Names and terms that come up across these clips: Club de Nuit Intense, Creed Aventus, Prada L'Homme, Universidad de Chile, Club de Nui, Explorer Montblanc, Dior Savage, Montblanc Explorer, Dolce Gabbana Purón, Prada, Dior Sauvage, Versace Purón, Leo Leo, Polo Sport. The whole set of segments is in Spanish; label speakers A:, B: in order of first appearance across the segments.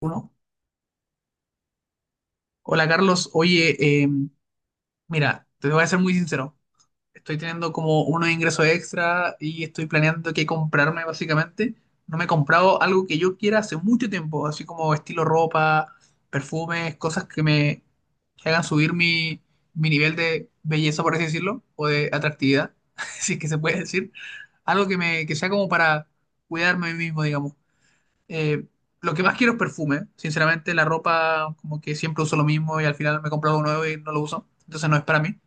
A: Uno. Hola Carlos, oye, mira, te voy a ser muy sincero. Estoy teniendo como unos ingresos extra y estoy planeando qué comprarme básicamente. No me he comprado algo que yo quiera hace mucho tiempo, así como estilo ropa, perfumes, cosas que hagan subir mi nivel de belleza, por así decirlo, o de atractividad, si es que se puede decir. Algo que me que sea como para cuidarme a mí mismo, digamos. Eh, lo que más quiero es perfume. Sinceramente, la ropa, como que siempre uso lo mismo y al final me compro algo nuevo y no lo uso. Entonces no es para mí.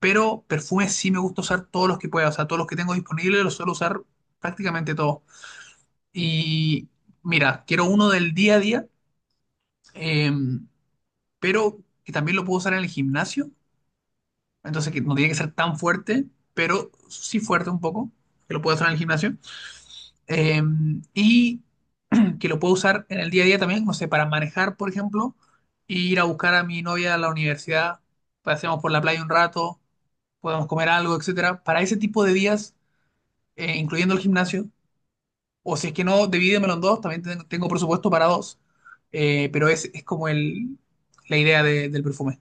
A: Pero perfume sí me gusta usar todos los que pueda. O sea, todos los que tengo disponibles los suelo usar prácticamente todos. Y mira, quiero uno del día a día, eh, pero que también lo puedo usar en el gimnasio. Entonces que no tiene que ser tan fuerte, pero sí fuerte un poco, que lo puedo usar en el gimnasio. Eh, y que lo puedo usar en el día a día también, no sé, para manejar, por ejemplo, e ir a buscar a mi novia a la universidad, paseamos por la playa un rato, podemos comer algo, etcétera. Para ese tipo de días, incluyendo el gimnasio, o si es que no, divídemelo en dos, también tengo presupuesto para dos. Pero es como la del perfume.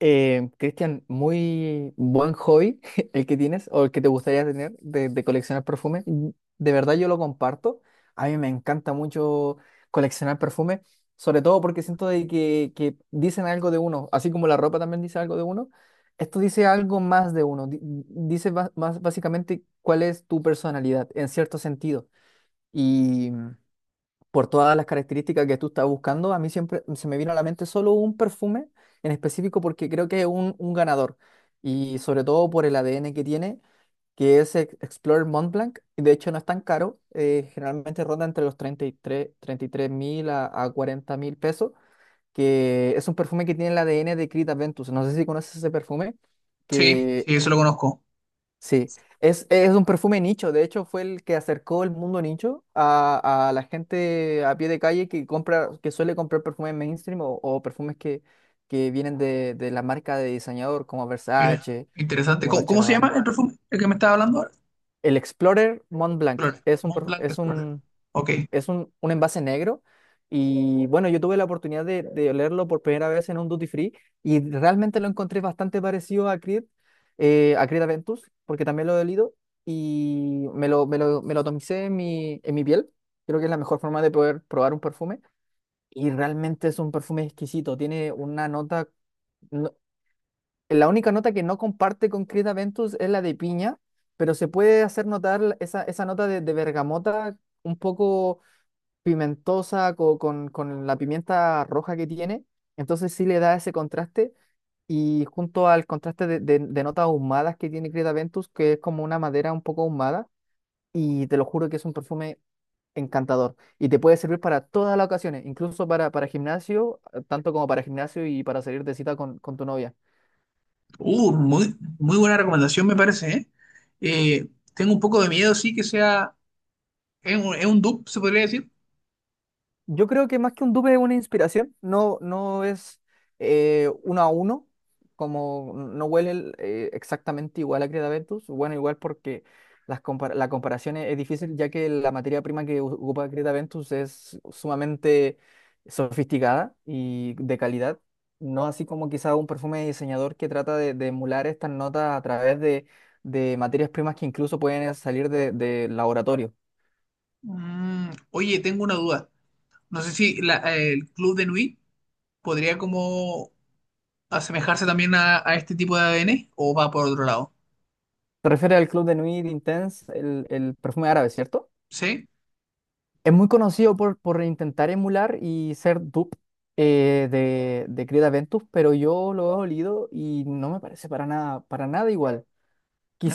B: Cristian, muy buen hobby el que tienes o el que te gustaría tener de coleccionar perfumes. De verdad yo lo comparto. A mí me encanta mucho coleccionar perfumes, sobre todo porque siento de que dicen algo de uno, así como la ropa también dice algo de uno. Esto dice algo más de uno, más básicamente cuál es tu personalidad en cierto sentido por todas las características que tú estás buscando. A mí siempre se me vino a la mente solo un perfume en específico porque creo que es un ganador y sobre todo por el ADN que tiene, que es Explorer Montblanc, y de hecho no es tan caro. Generalmente ronda entre los 33 mil a, 40 mil pesos, que es un perfume que tiene el ADN de Creed Aventus. No sé si conoces ese perfume,
A: Sí,
B: que
A: sí, eso lo conozco.
B: sí, es un perfume nicho. De hecho fue el que acercó el mundo nicho a, la gente a pie de calle que compra, que suele comprar perfumes mainstream o perfumes que vienen de la marca de diseñador como
A: Mira,
B: Versace,
A: interesante.
B: como Dolce
A: ¿Cómo se llama
B: Gabbana.
A: el perfume? El que me estaba hablando ahora.
B: El Explorer Mont Blanc
A: Explorer.
B: es un, per-
A: Montblanc Explorer. Ok.
B: es un envase negro y bueno, yo tuve la oportunidad de olerlo por primera vez en un duty free y realmente lo encontré bastante parecido a Creed Aventus, porque también lo he olido y me lo atomicé en en mi piel. Creo que es la mejor forma de poder probar un perfume y realmente es un perfume exquisito. Tiene una nota, no- la única nota que no comparte con Creed Aventus es la de piña, pero se puede hacer notar esa nota de bergamota un poco pimentosa con la pimienta roja que tiene. Entonces sí le da ese contraste y junto al contraste de notas ahumadas que tiene Creta Ventus, que es como una madera un poco ahumada. Y te lo juro que es un perfume encantador y te puede servir para todas las ocasiones, incluso para gimnasio, tanto como para gimnasio y para salir de cita con tu novia.
A: Muy, muy buena recomendación me parece, ¿eh? Eh, tengo un poco de miedo, sí, que sea... ¿Es es un dupe, se podría decir?
B: Yo creo que más que un dupe es una inspiración, no, no es uno a uno, como no huele exactamente igual a Cretaventus. Bueno, igual porque la comparación es difícil, ya que la materia prima que ocupa Cretaventus es sumamente sofisticada y de calidad, no así como quizá un perfume de diseñador que trata de emular estas notas a través de materias primas que incluso pueden salir de laboratorio.
A: Mm, oye, tengo una duda. No sé si el club de Nui podría como asemejarse también a este tipo de ADN o va por otro lado.
B: Te refieres al Club de Nuit Intense, el perfume árabe, ¿cierto?
A: ¿Sí?
B: Es muy conocido por intentar emular y ser dupe de Creed Aventus, pero yo lo he olido y no me parece para nada igual.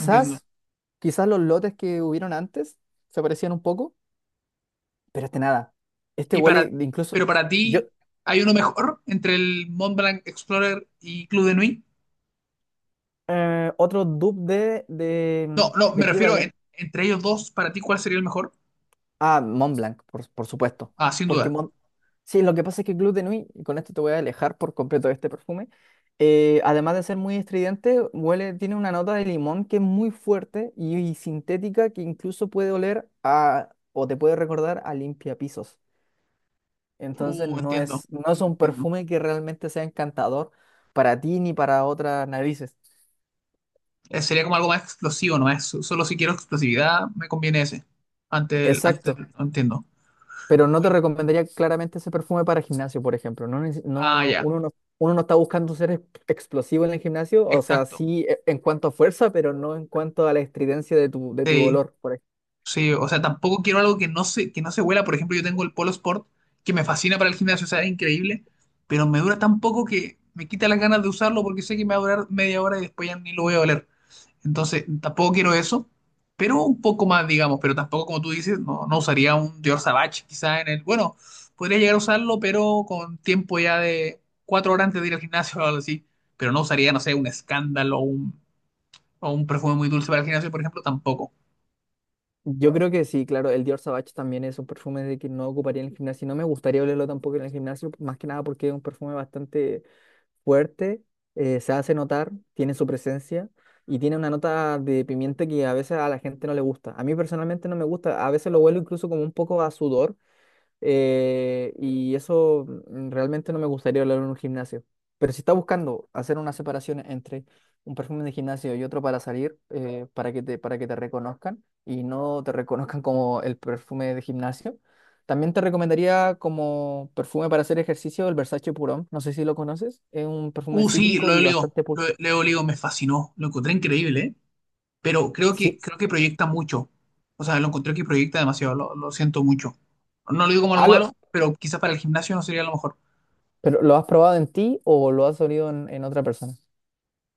A: Entiendo.
B: quizás los lotes que hubieron antes se parecían un poco, pero este nada. Este
A: Y para,
B: huele de incluso.
A: pero para
B: Yo,
A: ti, ¿hay uno mejor entre el Mont Blanc Explorer y Club de Nui?
B: otro dupe
A: No, no, me
B: de Creed
A: refiero entre ellos dos, para ti, ¿cuál sería el mejor?
B: Ah, Mont Blanc, por supuesto.
A: Ah, sin
B: Porque
A: duda.
B: Mont... Sí, lo que pasa es que Club de Nuit, y con esto te voy a alejar por completo de este perfume. Además de ser muy estridente, huele, tiene una nota de limón que es muy fuerte y sintética, que incluso puede oler a, o te puede recordar a limpiapisos. Entonces
A: Entiendo.
B: no es un
A: Entiendo.
B: perfume que realmente sea encantador para ti ni para otras narices.
A: Sería como algo más explosivo, ¿no? Es, solo si quiero explosividad, me conviene ese. Ante
B: Exacto.
A: no entiendo.
B: Pero no te
A: Oye,
B: recomendaría claramente ese perfume para gimnasio, por ejemplo. No,
A: ah, ya,
B: uno no está buscando ser explosivo en el gimnasio, o sea,
A: exacto.
B: sí en cuanto a fuerza, pero no en cuanto a la estridencia de de tu
A: Sí,
B: dolor, por ejemplo.
A: sí, o sea, tampoco quiero algo que que no se huela. Por ejemplo, yo tengo el Polo Sport, que me fascina para el gimnasio, o sea, es increíble, pero me dura tan poco que me quita las ganas de usarlo porque sé que me va a durar media hora y después ya ni lo voy a oler. Entonces, tampoco quiero eso, pero un poco más, digamos, pero tampoco, como tú dices, no, no usaría un Dior Savage, quizás en el, bueno, podría llegar a usarlo, pero con tiempo ya de cuatro horas antes de ir al gimnasio o algo así, pero no usaría, no sé, un escándalo o un perfume muy dulce para el gimnasio, por ejemplo, tampoco.
B: Yo creo que sí, claro, el Dior Sauvage también es un perfume de que no ocuparía en el gimnasio. No me gustaría olerlo tampoco en el gimnasio, más que nada porque es un perfume bastante fuerte. Se hace notar, tiene su presencia y tiene una nota de pimienta que a veces a la gente no le gusta. A mí personalmente no me gusta, a veces lo huelo incluso como un poco a sudor, y eso realmente no me gustaría hablar en un gimnasio. Pero si está buscando hacer una separación entre un perfume de gimnasio y otro para salir, para que te reconozcan y no te reconozcan como el perfume de gimnasio, también te recomendaría como perfume para hacer ejercicio el Versace Purón. No sé si lo conoces. Es un perfume
A: Sí,
B: cítrico y bastante...
A: Leo Leo me fascinó, lo encontré increíble, ¿eh? Pero
B: Sí.
A: creo que proyecta mucho, o sea, lo encontré que proyecta demasiado, lo siento mucho. No lo digo como algo
B: Ah, lo-
A: malo, pero quizás para el gimnasio no sería lo mejor.
B: ¿Pero lo has probado en ti o lo has olido en otra persona?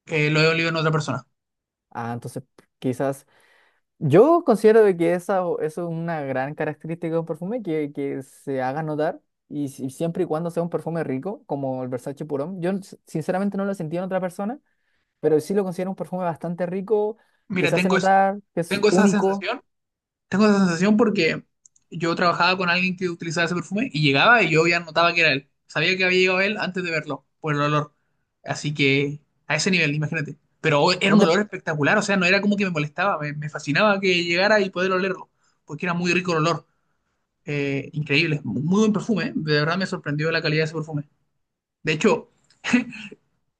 A: Que lo he olido en otra persona.
B: Ah, entonces quizás yo considero de que esa, eso es una gran característica de un perfume, que se haga notar, y, siempre y cuando sea un perfume rico, como el Versace Purón. Yo sinceramente no lo he sentido en otra persona, pero sí lo considero un perfume bastante rico, que
A: Mira,
B: se hace notar, que es
A: tengo esa
B: único.
A: sensación, tengo esa sensación porque yo trabajaba con alguien que utilizaba ese perfume y llegaba y yo ya notaba que era él. Sabía que había llegado él antes de verlo, por el olor. Así que a ese nivel, imagínate. Pero hoy era
B: No
A: un
B: te,
A: olor espectacular, o sea, no era como que me molestaba, me fascinaba que llegara y poder olerlo, porque era muy rico el olor. Increíble, muy buen perfume, ¿eh? De verdad me sorprendió la calidad de ese perfume. De hecho,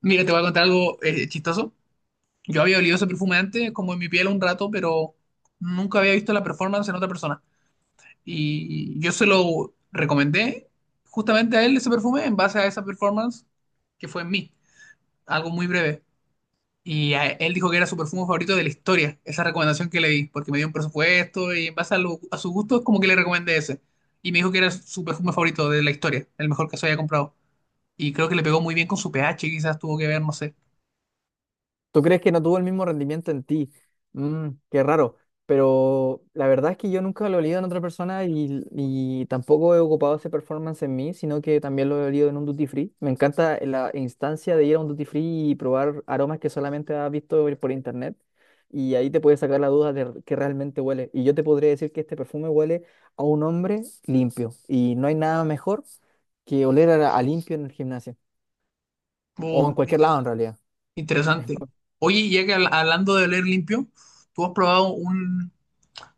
A: mira, te voy a contar algo chistoso. Yo había olido ese perfume antes, como en mi piel un rato, pero nunca había visto la performance en otra persona. Y yo se lo recomendé justamente a él ese perfume en base a esa performance que fue en mí, algo muy breve. Y él dijo que era su perfume favorito de la historia, esa recomendación que le di, porque me dio un presupuesto y en base a, a su gusto es como que le recomendé ese. Y me dijo que era su perfume favorito de la historia, el mejor que se había comprado. Y creo que le pegó muy bien con su pH, quizás tuvo que ver, no sé.
B: ¿Tú crees que no tuvo el mismo rendimiento en ti? Mm, qué raro. Pero la verdad es que yo nunca lo he leído en otra persona y tampoco he ocupado ese performance en mí, sino que también lo he leído en un duty free. Me encanta la instancia de ir a un duty free y probar aromas que solamente has visto por internet. Y ahí te puedes sacar la duda de que realmente huele. Y yo te podría decir que este perfume huele a un hombre limpio. Y no hay nada mejor que oler a, limpio en el gimnasio. O en
A: Oh,
B: cualquier lado en
A: interesante.
B: realidad.
A: Interesante. Oye, ya que hablando de oler limpio, tú has probado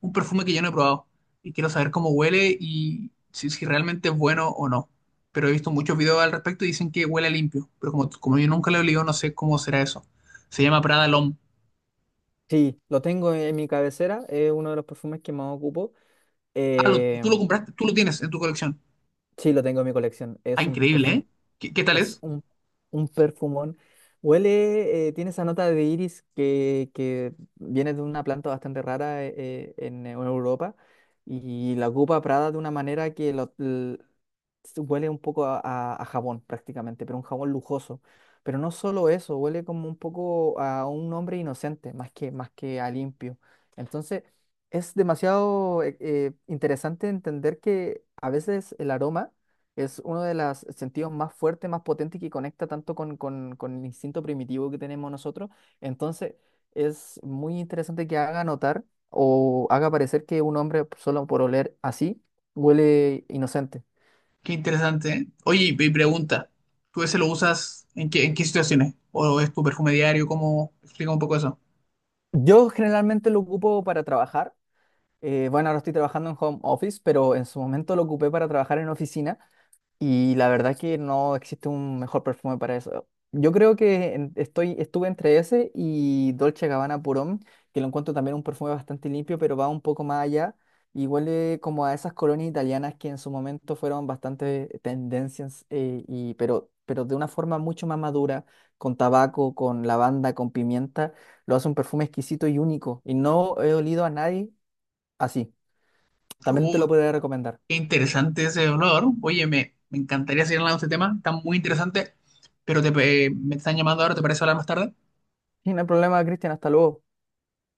A: un perfume que yo no he probado y quiero saber cómo huele y si realmente es bueno o no. Pero he visto muchos videos al respecto y dicen que huele limpio, pero como yo nunca lo he olido, no sé cómo será eso. Se llama Prada L'Homme.
B: Sí, lo tengo en mi cabecera, es uno de los perfumes que más ocupo.
A: Ah,
B: Eh,
A: tú lo compraste, tú lo tienes en tu colección.
B: sí, lo tengo en mi colección.
A: Ah,
B: Es un
A: increíble,
B: perfume,
A: ¿eh? ¿Qué, qué tal
B: es
A: es?
B: un, un perfumón. Huele, tiene esa nota de iris que viene de una planta bastante rara, en Europa, y la ocupa Prada de una manera que se huele un poco a, a jabón prácticamente, pero un jabón lujoso. Pero no solo eso, huele como un poco a un hombre inocente, más que a limpio. Entonces, es demasiado interesante entender que a veces el aroma es uno de los sentidos más fuertes, más potentes, que conecta tanto con el instinto primitivo que tenemos nosotros. Entonces, es muy interesante que haga notar o haga parecer que un hombre, solo por oler así, huele inocente.
A: Qué interesante, ¿eh? Oye, y pregunta, ¿tú ese lo usas en qué situaciones? ¿O es tu perfume diario? ¿Cómo? Explica un poco eso.
B: Yo generalmente lo ocupo para trabajar. Bueno, ahora estoy trabajando en home office, pero en su momento lo ocupé para trabajar en oficina. Y la verdad que no existe un mejor perfume para eso. Yo creo que estuve entre ese y Dolce Gabbana Purón, que lo encuentro también un perfume bastante limpio, pero va un poco más allá y huele como a esas colonias italianas que en su momento fueron bastante tendencias, pero de una forma mucho más madura, con tabaco, con lavanda, con pimienta, lo hace un perfume exquisito y único. Y no he olido a nadie así. También te
A: Uh,
B: lo podría recomendar.
A: Qué interesante ese dolor. Oye, me encantaría seguir hablando de este tema, está muy interesante, pero te, me están llamando ahora, ¿te parece hablar más tarde?
B: Y no hay problema, Cristian, hasta luego.